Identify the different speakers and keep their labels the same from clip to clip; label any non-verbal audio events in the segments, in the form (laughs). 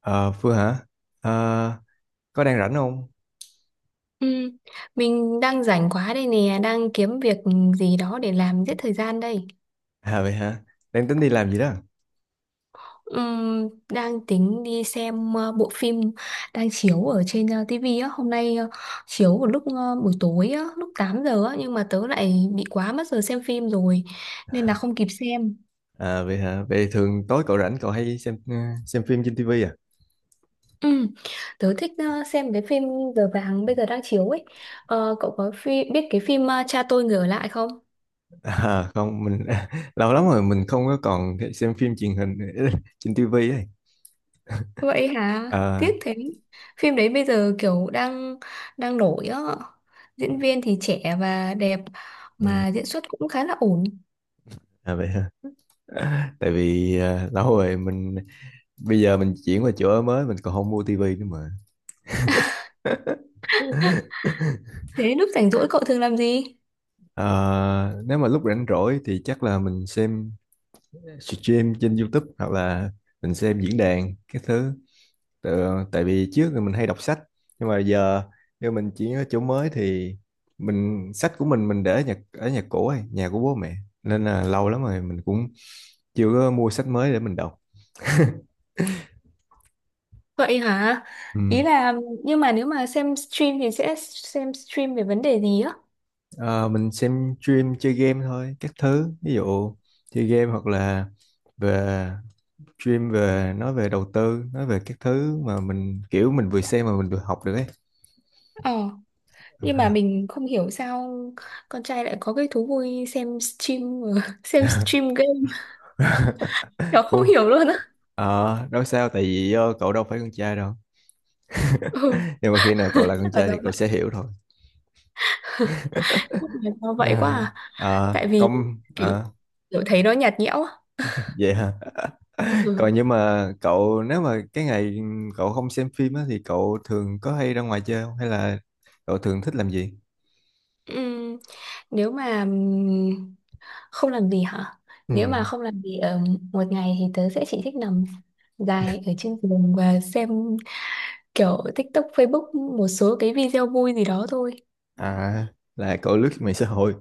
Speaker 1: Ờ, Phương hả? Ờ, có đang rảnh không?
Speaker 2: Ừ, mình đang rảnh quá đây nè, đang kiếm việc gì đó để làm giết thời gian đây.
Speaker 1: À vậy hả? Đang tính đi làm gì đó?
Speaker 2: Đang tính đi xem bộ phim đang chiếu ở trên TV á, hôm nay, chiếu vào lúc, buổi tối á, lúc 8 giờ á, nhưng mà tớ lại bị quá mất giờ xem phim rồi nên là không kịp xem.
Speaker 1: À vậy hả? Vậy thường tối cậu rảnh cậu hay xem phim trên tivi à?
Speaker 2: Ừ, tớ thích xem cái phim Giờ vàng bây giờ đang chiếu ấy. Ờ, cậu có phim biết cái phim, Cha tôi người ở lại không?
Speaker 1: (laughs) À không, mình (laughs) lâu lắm rồi mình không có còn xem phim truyền hình (laughs) trên tivi ấy.
Speaker 2: Vậy hả?
Speaker 1: À,
Speaker 2: Tiếc thế. Phim đấy bây giờ kiểu đang đang nổi á. Diễn viên thì trẻ và đẹp
Speaker 1: ừm,
Speaker 2: mà diễn xuất cũng khá là ổn.
Speaker 1: à vậy hả? (laughs) Tại vì lâu rồi mình bây giờ mình chuyển qua chỗ ở mới mình còn không mua tivi nữa mà. (laughs)
Speaker 2: Thế lúc rảnh rỗi cậu thường làm gì?
Speaker 1: Ờ, Nếu mà lúc rảnh rỗi thì chắc là mình xem stream trên YouTube hoặc là mình xem diễn đàn cái thứ tự, tại vì trước thì mình hay đọc sách nhưng mà giờ nếu mình chuyển ở chỗ mới thì mình sách của mình để ở nhà cũ ấy, nhà của bố mẹ nên là lâu lắm rồi mình cũng chưa có mua sách mới để mình đọc.
Speaker 2: Vậy hả?
Speaker 1: Ừ.
Speaker 2: Ý là, nhưng mà nếu mà xem stream thì sẽ xem stream về vấn đề gì á?
Speaker 1: Ờ, mình xem stream chơi game thôi các thứ ví dụ chơi game hoặc là về stream về nói về đầu tư nói về các thứ mà mình kiểu mình vừa xem mà mình vừa học được ấy.
Speaker 2: Ờ, nhưng mà
Speaker 1: (laughs)
Speaker 2: mình không hiểu sao con trai lại có cái thú vui xem stream, (laughs) xem stream game. Nó không
Speaker 1: cũng
Speaker 2: hiểu luôn á.
Speaker 1: Ờ, nói sao tại vì cậu đâu phải con trai đâu.
Speaker 2: Ừ,
Speaker 1: Nhưng mà khi nào cậu là con
Speaker 2: chắc là
Speaker 1: trai
Speaker 2: do
Speaker 1: thì cậu
Speaker 2: vậy.
Speaker 1: sẽ hiểu thôi.
Speaker 2: Chắc là do vậy quá
Speaker 1: À,
Speaker 2: à.
Speaker 1: à,
Speaker 2: Tại vì kiểu kiểu thấy nó nhạt nhẽo á.
Speaker 1: vậy hả?
Speaker 2: Ừ.
Speaker 1: Còn nhưng mà cậu nếu mà cái ngày cậu không xem phim á thì cậu thường có hay ra ngoài chơi không hay là cậu thường thích làm gì?
Speaker 2: Ừm, nếu mà không làm gì hả?
Speaker 1: Ừ.
Speaker 2: Nếu mà không làm gì ở một ngày thì tớ sẽ chỉ thích nằm dài ở trên giường và xem kiểu TikTok, Facebook, một số cái video vui gì đó thôi.
Speaker 1: À, là cậu lướt mạng xã hội,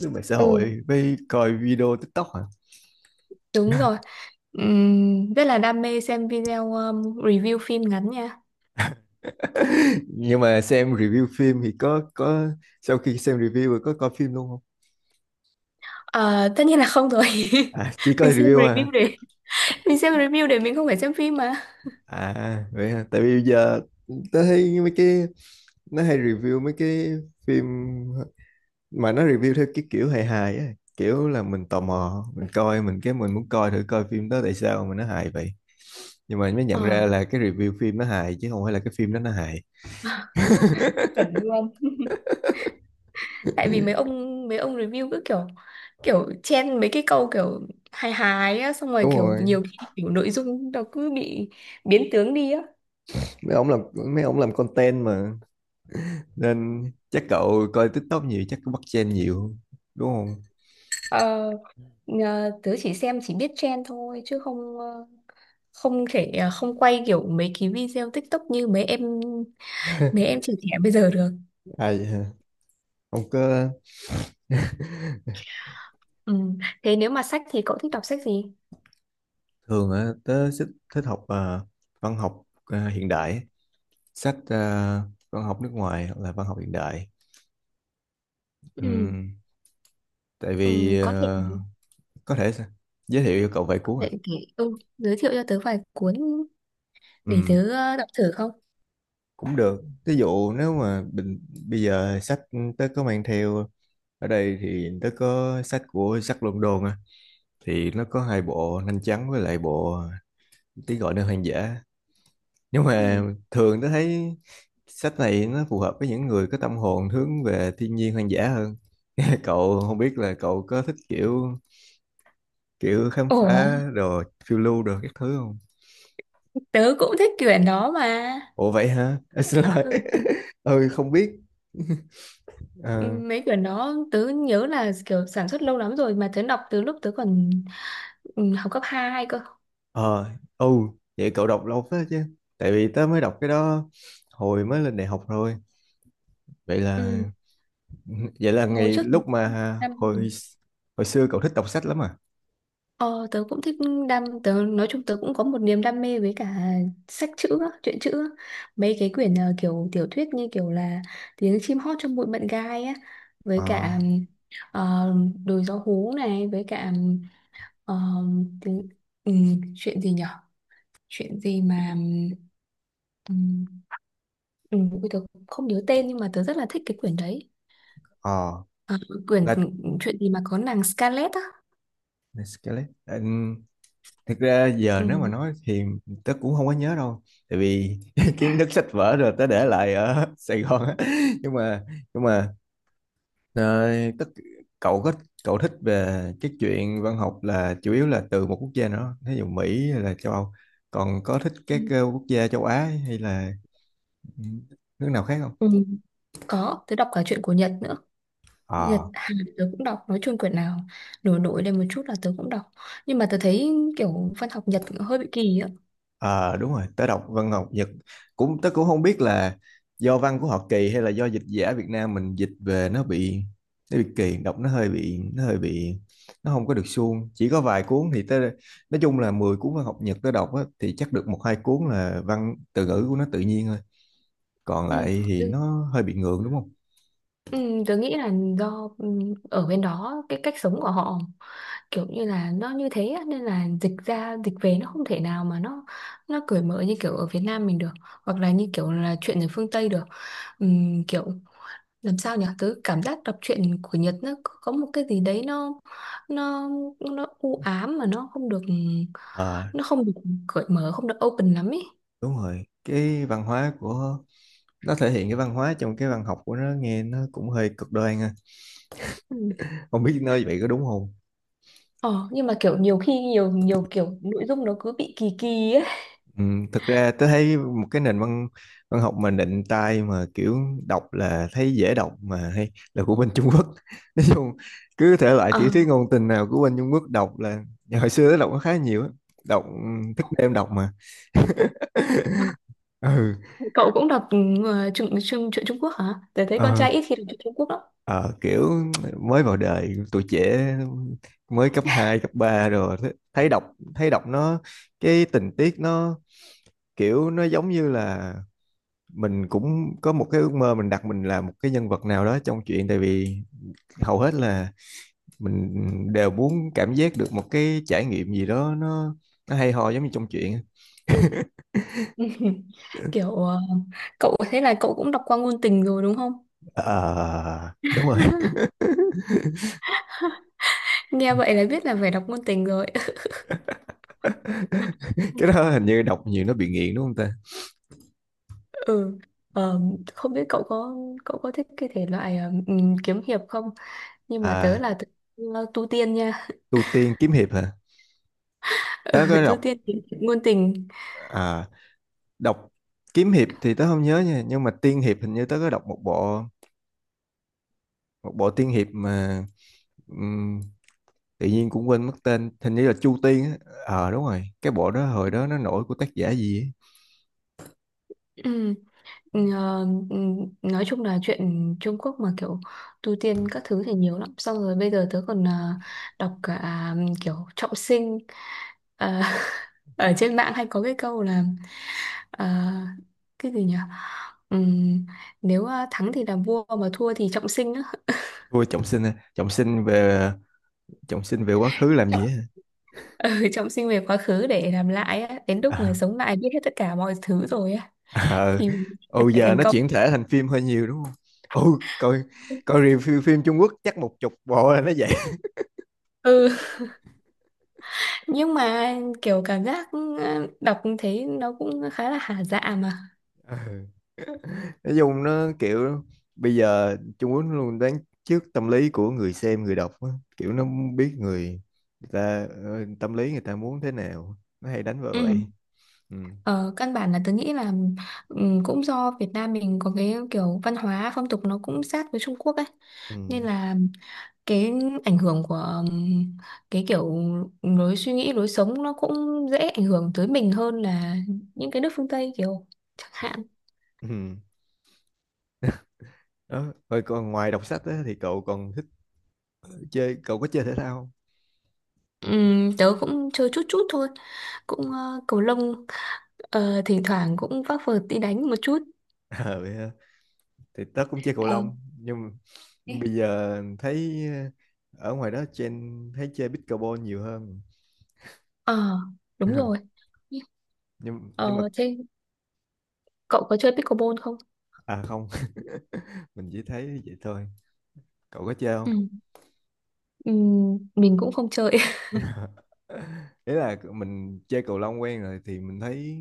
Speaker 1: lướt mạng xã
Speaker 2: Ừ,
Speaker 1: hội với coi video TikTok hả?
Speaker 2: đúng rồi. Rất là đam mê xem video, review phim ngắn nha.
Speaker 1: (laughs) Nhưng mà xem review phim thì có sau khi xem review rồi có coi phim luôn không?
Speaker 2: Ờ, tất nhiên là không rồi. (laughs)
Speaker 1: À, chỉ coi
Speaker 2: Mình xem
Speaker 1: review à?
Speaker 2: review để mình xem review để mình không phải xem phim mà.
Speaker 1: À vậy hả? Tại vì giờ tớ thấy mấy cái nó hay review mấy cái phim mà nó review theo cái kiểu hài hài á, kiểu là mình tò mò, mình coi mình cái mình muốn coi thử coi phim đó tại sao mà nó hài vậy. Nhưng mà mới nhận
Speaker 2: Ờ,
Speaker 1: ra là cái review phim nó hài chứ không phải là cái phim đó nó hài.
Speaker 2: chuẩn luôn. Tại vì mấy ông review cứ kiểu kiểu chen mấy cái câu kiểu hài hài á, xong rồi
Speaker 1: Đúng
Speaker 2: kiểu
Speaker 1: rồi,
Speaker 2: nhiều khi kiểu nội dung nó cứ bị biến tướng đi á.
Speaker 1: mấy ông làm mấy ông làm content mà nên chắc cậu coi TikTok nhiều chắc cũng bắt trend nhiều đúng không?
Speaker 2: ờ, Tớ chỉ xem chỉ biết chen thôi chứ không, không thể, không quay kiểu mấy cái video TikTok như mấy em trẻ trẻ bây giờ được.
Speaker 1: À vậy hả? Ông có
Speaker 2: Ừ, thế nếu mà sách thì cậu thích đọc sách gì?
Speaker 1: Thường á tớ thích thích văn học à, hiện đại á. Sách văn học nước ngoài hoặc là văn học hiện đại.
Speaker 2: Ừ.
Speaker 1: Ừm, Tại
Speaker 2: Ừ,
Speaker 1: vì có thể sẽ giới thiệu cho cậu vài
Speaker 2: có
Speaker 1: cuốn à.
Speaker 2: thể kể ừ. giới thiệu cho tớ vài cuốn để
Speaker 1: Ừm,
Speaker 2: tớ đọc thử không?
Speaker 1: Cũng được ví dụ nếu mà bây giờ sách tớ có mang theo ở đây thì tớ có sách của Jack London á thì nó có hai bộ Nanh Trắng với lại bộ Tiếng gọi nơi hoang dã nhưng mà
Speaker 2: Ừ.
Speaker 1: thường tớ thấy sách này nó phù hợp với những người có tâm hồn hướng về thiên nhiên hoang dã hơn. (laughs) Cậu không biết là cậu có thích kiểu kiểu khám
Speaker 2: Ủa,
Speaker 1: phá đồ phiêu lưu đồ các thứ không?
Speaker 2: tớ cũng thích quyển đó mà.
Speaker 1: Ủa vậy hả? (laughs) À, xin lỗi.
Speaker 2: Ừ,
Speaker 1: (laughs) Ừ, không biết. (laughs) ờ
Speaker 2: mấy quyển đó tớ nhớ là kiểu sản xuất lâu lắm rồi mà tớ đọc từ lúc tớ còn, ừ, học cấp hai cơ.
Speaker 1: ờ ừ Vậy cậu đọc lâu phết chứ tại vì tớ mới đọc cái đó hồi mới lên đại học rồi vậy là
Speaker 2: Ừ.
Speaker 1: (laughs) vậy là
Speaker 2: Hồi
Speaker 1: ngày
Speaker 2: trước tớ
Speaker 1: lúc mà
Speaker 2: đam,
Speaker 1: hồi hồi xưa cậu thích đọc sách lắm à?
Speaker 2: ờ, tớ cũng thích đam, tớ nói chung tớ cũng có một niềm đam mê với cả sách chữ á, truyện chữ á. Mấy cái quyển, kiểu tiểu thuyết như kiểu là Tiếng chim hót trong bụi mận gai á, với
Speaker 1: ờ
Speaker 2: cả, ờ, Đồi gió hú này, với cả, ờ, tiếng, ừ, chuyện gì nhỉ, chuyện gì mà, ừm, ui, tớ không nhớ tên nhưng mà tớ rất là thích cái quyển đấy.
Speaker 1: ờ
Speaker 2: À, quyển
Speaker 1: là
Speaker 2: chuyện gì mà có nàng Scarlett á.
Speaker 1: là Scarlett. Ừ, thực ra giờ nếu mà
Speaker 2: Ừm,
Speaker 1: nói thì tớ cũng không có nhớ đâu tại vì (laughs) kiến thức sách vở rồi tớ để lại ở (laughs) Sài Gòn á nhưng mà nhưng mà đấy, cậu thích cậu thích về cái chuyện văn học là chủ yếu là từ một quốc gia nữa, thí dụ Mỹ hay là châu Âu. Còn có thích các
Speaker 2: ừm,
Speaker 1: quốc gia châu Á hay là nước nào khác không?
Speaker 2: ừm, có, tớ đọc cả chuyện của Nhật nữa. Nhật
Speaker 1: Ờ,
Speaker 2: Hàn tớ cũng đọc, nói chung quyển nào nổi nổi lên một chút là tớ cũng đọc, nhưng mà tớ thấy kiểu văn học Nhật hơi bị kỳ á.
Speaker 1: ờ, Đúng rồi, tớ đọc văn học Nhật cũng tớ cũng không biết là do văn của họ kỳ hay là do dịch giả Việt Nam mình dịch về nó bị kỳ, đọc nó hơi bị nó không có được suông. Chỉ có vài cuốn thì tớ nói chung là 10 cuốn văn học Nhật tớ đọc á, thì chắc được một hai cuốn là văn từ ngữ của nó tự nhiên thôi còn lại thì
Speaker 2: Ừm,
Speaker 1: nó hơi bị ngược đúng không?
Speaker 2: Ừ, tớ nghĩ là do, ừ, ở bên đó cái cách sống của họ kiểu như là nó như thế á, nên là dịch ra dịch về nó không thể nào mà nó cởi mở như kiểu ở Việt Nam mình được, hoặc là như kiểu là chuyện ở phương Tây được. Kiểu làm sao nhỉ, tớ cảm giác đọc truyện của Nhật nó có một cái gì đấy nó nó u ám mà nó không được
Speaker 1: Ờ,
Speaker 2: nó không được cởi mở, không được open lắm ấy.
Speaker 1: đúng rồi, cái văn hóa của nó thể hiện cái văn hóa trong cái văn học của nó nghe nó cũng hơi cực đoan ha,
Speaker 2: Ừ.
Speaker 1: không biết nơi vậy có đúng không.
Speaker 2: Ờ, nhưng mà kiểu nhiều khi nhiều nhiều kiểu nội dung nó cứ bị kỳ kỳ ấy.
Speaker 1: Ừ, thực ra tôi thấy một cái nền văn văn học mà nịnh tai mà kiểu đọc là thấy dễ đọc mà hay là của bên Trung Quốc. (laughs) Nói chung cứ thể loại
Speaker 2: Ờ,
Speaker 1: tiểu thuyết ngôn tình nào của bên Trung Quốc đọc là hồi xưa tôi đọc nó khá nhiều á đọc thức đêm đọc mà. Ừ.
Speaker 2: cậu cũng đọc, truyện truyện truyện Trung Quốc hả? Tớ thấy con
Speaker 1: ờ,
Speaker 2: trai ít khi đọc truyện Trung Quốc lắm.
Speaker 1: Ờ, Kiểu mới vào đời tuổi trẻ mới cấp 2 cấp 3 rồi thấy đọc nó cái tình tiết nó kiểu nó giống như là mình cũng có một cái ước mơ mình đặt mình là một cái nhân vật nào đó trong chuyện tại vì hầu hết là mình đều muốn cảm giác được một cái trải nghiệm gì đó nó hay ho giống như trong chuyện.
Speaker 2: (laughs) Kiểu, cậu thế là cậu cũng đọc qua ngôn tình rồi đúng không?
Speaker 1: Ờ, đúng rồi.
Speaker 2: Nghe vậy là biết là phải đọc ngôn tình rồi.
Speaker 1: (laughs) Cái
Speaker 2: (laughs)
Speaker 1: đó hình như đọc nhiều nó bị nghiện đúng không ta?
Speaker 2: Ừ. Ờ, không biết cậu có thích cái thể loại, kiếm hiệp không? Nhưng mà tớ
Speaker 1: À,
Speaker 2: là tớ, tu tiên nha.
Speaker 1: tu tiên kiếm hiệp hả,
Speaker 2: (laughs) Ừ,
Speaker 1: tớ có
Speaker 2: tu
Speaker 1: đọc.
Speaker 2: tiên kiếm ngôn tình.
Speaker 1: à, Đọc kiếm hiệp thì tớ không nhớ nha nhưng mà tiên hiệp hình như tớ có đọc một bộ tiên hiệp mà ừm, tự nhiên cũng quên mất tên hình như là Chu Tiên á. Ờ đúng rồi, cái bộ đó hồi đó nó nổi của tác giả gì á.
Speaker 2: Ừ. Ờ, ừ, nói chung là chuyện Trung Quốc mà kiểu tu tiên các thứ thì nhiều lắm, xong rồi bây giờ tớ còn, đọc cả, kiểu trọng sinh. Ờ, (laughs) ở trên mạng hay có cái câu là, ờ, cái gì nhỉ Ừm, nếu, thắng thì làm vua mà thua thì trọng sinh á. (laughs)
Speaker 1: Vua Trọng Sinh à? Trọng Sinh về quá khứ làm
Speaker 2: Trọng-
Speaker 1: gì á?
Speaker 2: Trọng sinh về quá khứ để làm lại á, đến lúc mà
Speaker 1: À,
Speaker 2: sống lại biết hết tất cả mọi thứ rồi á
Speaker 1: ờ
Speaker 2: thì phải
Speaker 1: giờ
Speaker 2: thành
Speaker 1: nó
Speaker 2: công.
Speaker 1: chuyển thể thành phim hơi nhiều đúng không? Ừ. coi coi review phim Trung Quốc chắc một chục bộ là nó vậy. (laughs)
Speaker 2: Ừ, nhưng mà kiểu cảm giác, đọc thấy nó cũng khá là hả dạ mà.
Speaker 1: Ờ. Nói chung nó kiểu bây giờ Trung Quốc nó luôn đoán trước tâm lý của người xem người đọc á. Kiểu nó biết người ta tâm lý người ta muốn thế nào nó hay đánh vào
Speaker 2: Ừ.
Speaker 1: vậy. Ừ.
Speaker 2: Ờ, căn bản là tớ nghĩ là, cũng do Việt Nam mình có cái kiểu văn hóa phong tục nó cũng sát với Trung Quốc ấy,
Speaker 1: Ừ.
Speaker 2: nên là cái ảnh hưởng của, ừm, cái kiểu lối suy nghĩ lối sống nó cũng dễ ảnh hưởng tới mình hơn là những cái nước phương Tây kiểu chẳng hạn.
Speaker 1: Ừ. Đó. Rồi còn ngoài đọc sách á, thì cậu còn thích cậu có chơi thể thao không? (laughs)
Speaker 2: Tớ cũng chơi chút chút thôi, cũng cầu lông. Ờ, thỉnh thoảng cũng vác vợt đi đánh một chút.
Speaker 1: Ờ, vậy hả? Thì tớ cũng chơi cầu
Speaker 2: Ờ.
Speaker 1: lông nhưng mà
Speaker 2: Thế.
Speaker 1: bây giờ thấy ở ngoài đó thấy chơi pickleball nhiều hơn.
Speaker 2: Ờ, đúng rồi.
Speaker 1: (laughs) Nhưng mà
Speaker 2: Ờ, thế cậu có chơi pickleball không?
Speaker 1: à không. (laughs) Mình chỉ thấy vậy thôi, cậu có chơi
Speaker 2: Ừ.
Speaker 1: không?
Speaker 2: Ừ, mình cũng không chơi. (laughs)
Speaker 1: (laughs) Ý là mình chơi cầu lông quen rồi thì mình thấy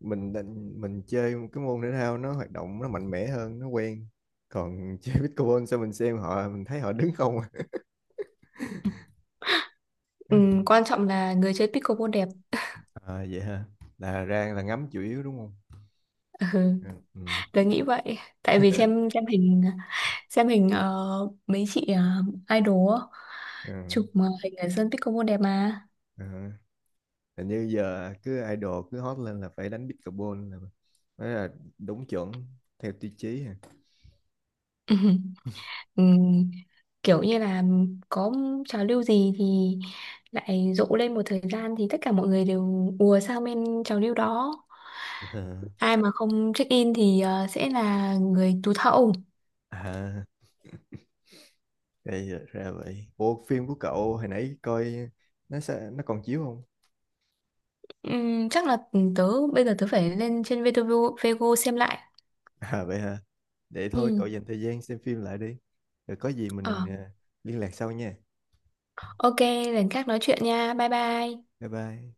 Speaker 1: mình định mình chơi cái môn thể thao nó hoạt động nó mạnh mẽ hơn nó quen, còn (laughs) chơi pickleball sao mình xem họ mình thấy họ đứng không à.
Speaker 2: Ừ,
Speaker 1: (laughs)
Speaker 2: quan trọng là người chơi pickleball đẹp.
Speaker 1: À, vậy hả, là ra là ngắm chủ yếu đúng không?
Speaker 2: (laughs) Ừ,
Speaker 1: Ừ. Ừ.
Speaker 2: tớ nghĩ vậy. Tại vì xem hình, xem hình mấy chị, idol á,
Speaker 1: Ừ.
Speaker 2: chụp mà hình ở sân pickleball đẹp mà.
Speaker 1: Ờ. Hình như giờ cứ idol cứ hot lên là phải đánh pickleball là mới là đúng chuẩn theo tiêu chí hả?
Speaker 2: (laughs) Ừ. Kiểu như là có trào lưu gì thì lại rộ lên một thời gian thì tất cả mọi người đều ùa sang bên trào lưu đó, ai
Speaker 1: (laughs)
Speaker 2: mà không check in thì, sẽ là người tụt hậu.
Speaker 1: À. Gây ra vậy. Ủa phim của cậu hồi nãy coi nó còn chiếu không?
Speaker 2: Chắc là tớ bây giờ tớ phải lên trên VTV Vego xem lại.
Speaker 1: (laughs) À vậy hả? Để thôi cậu
Speaker 2: Ừm,
Speaker 1: dành thời gian xem phim lại đi. Rồi có gì
Speaker 2: ờ,
Speaker 1: mình liên lạc sau nha.
Speaker 2: ok, lần khác nói chuyện nha, bye bye.
Speaker 1: Bye bye.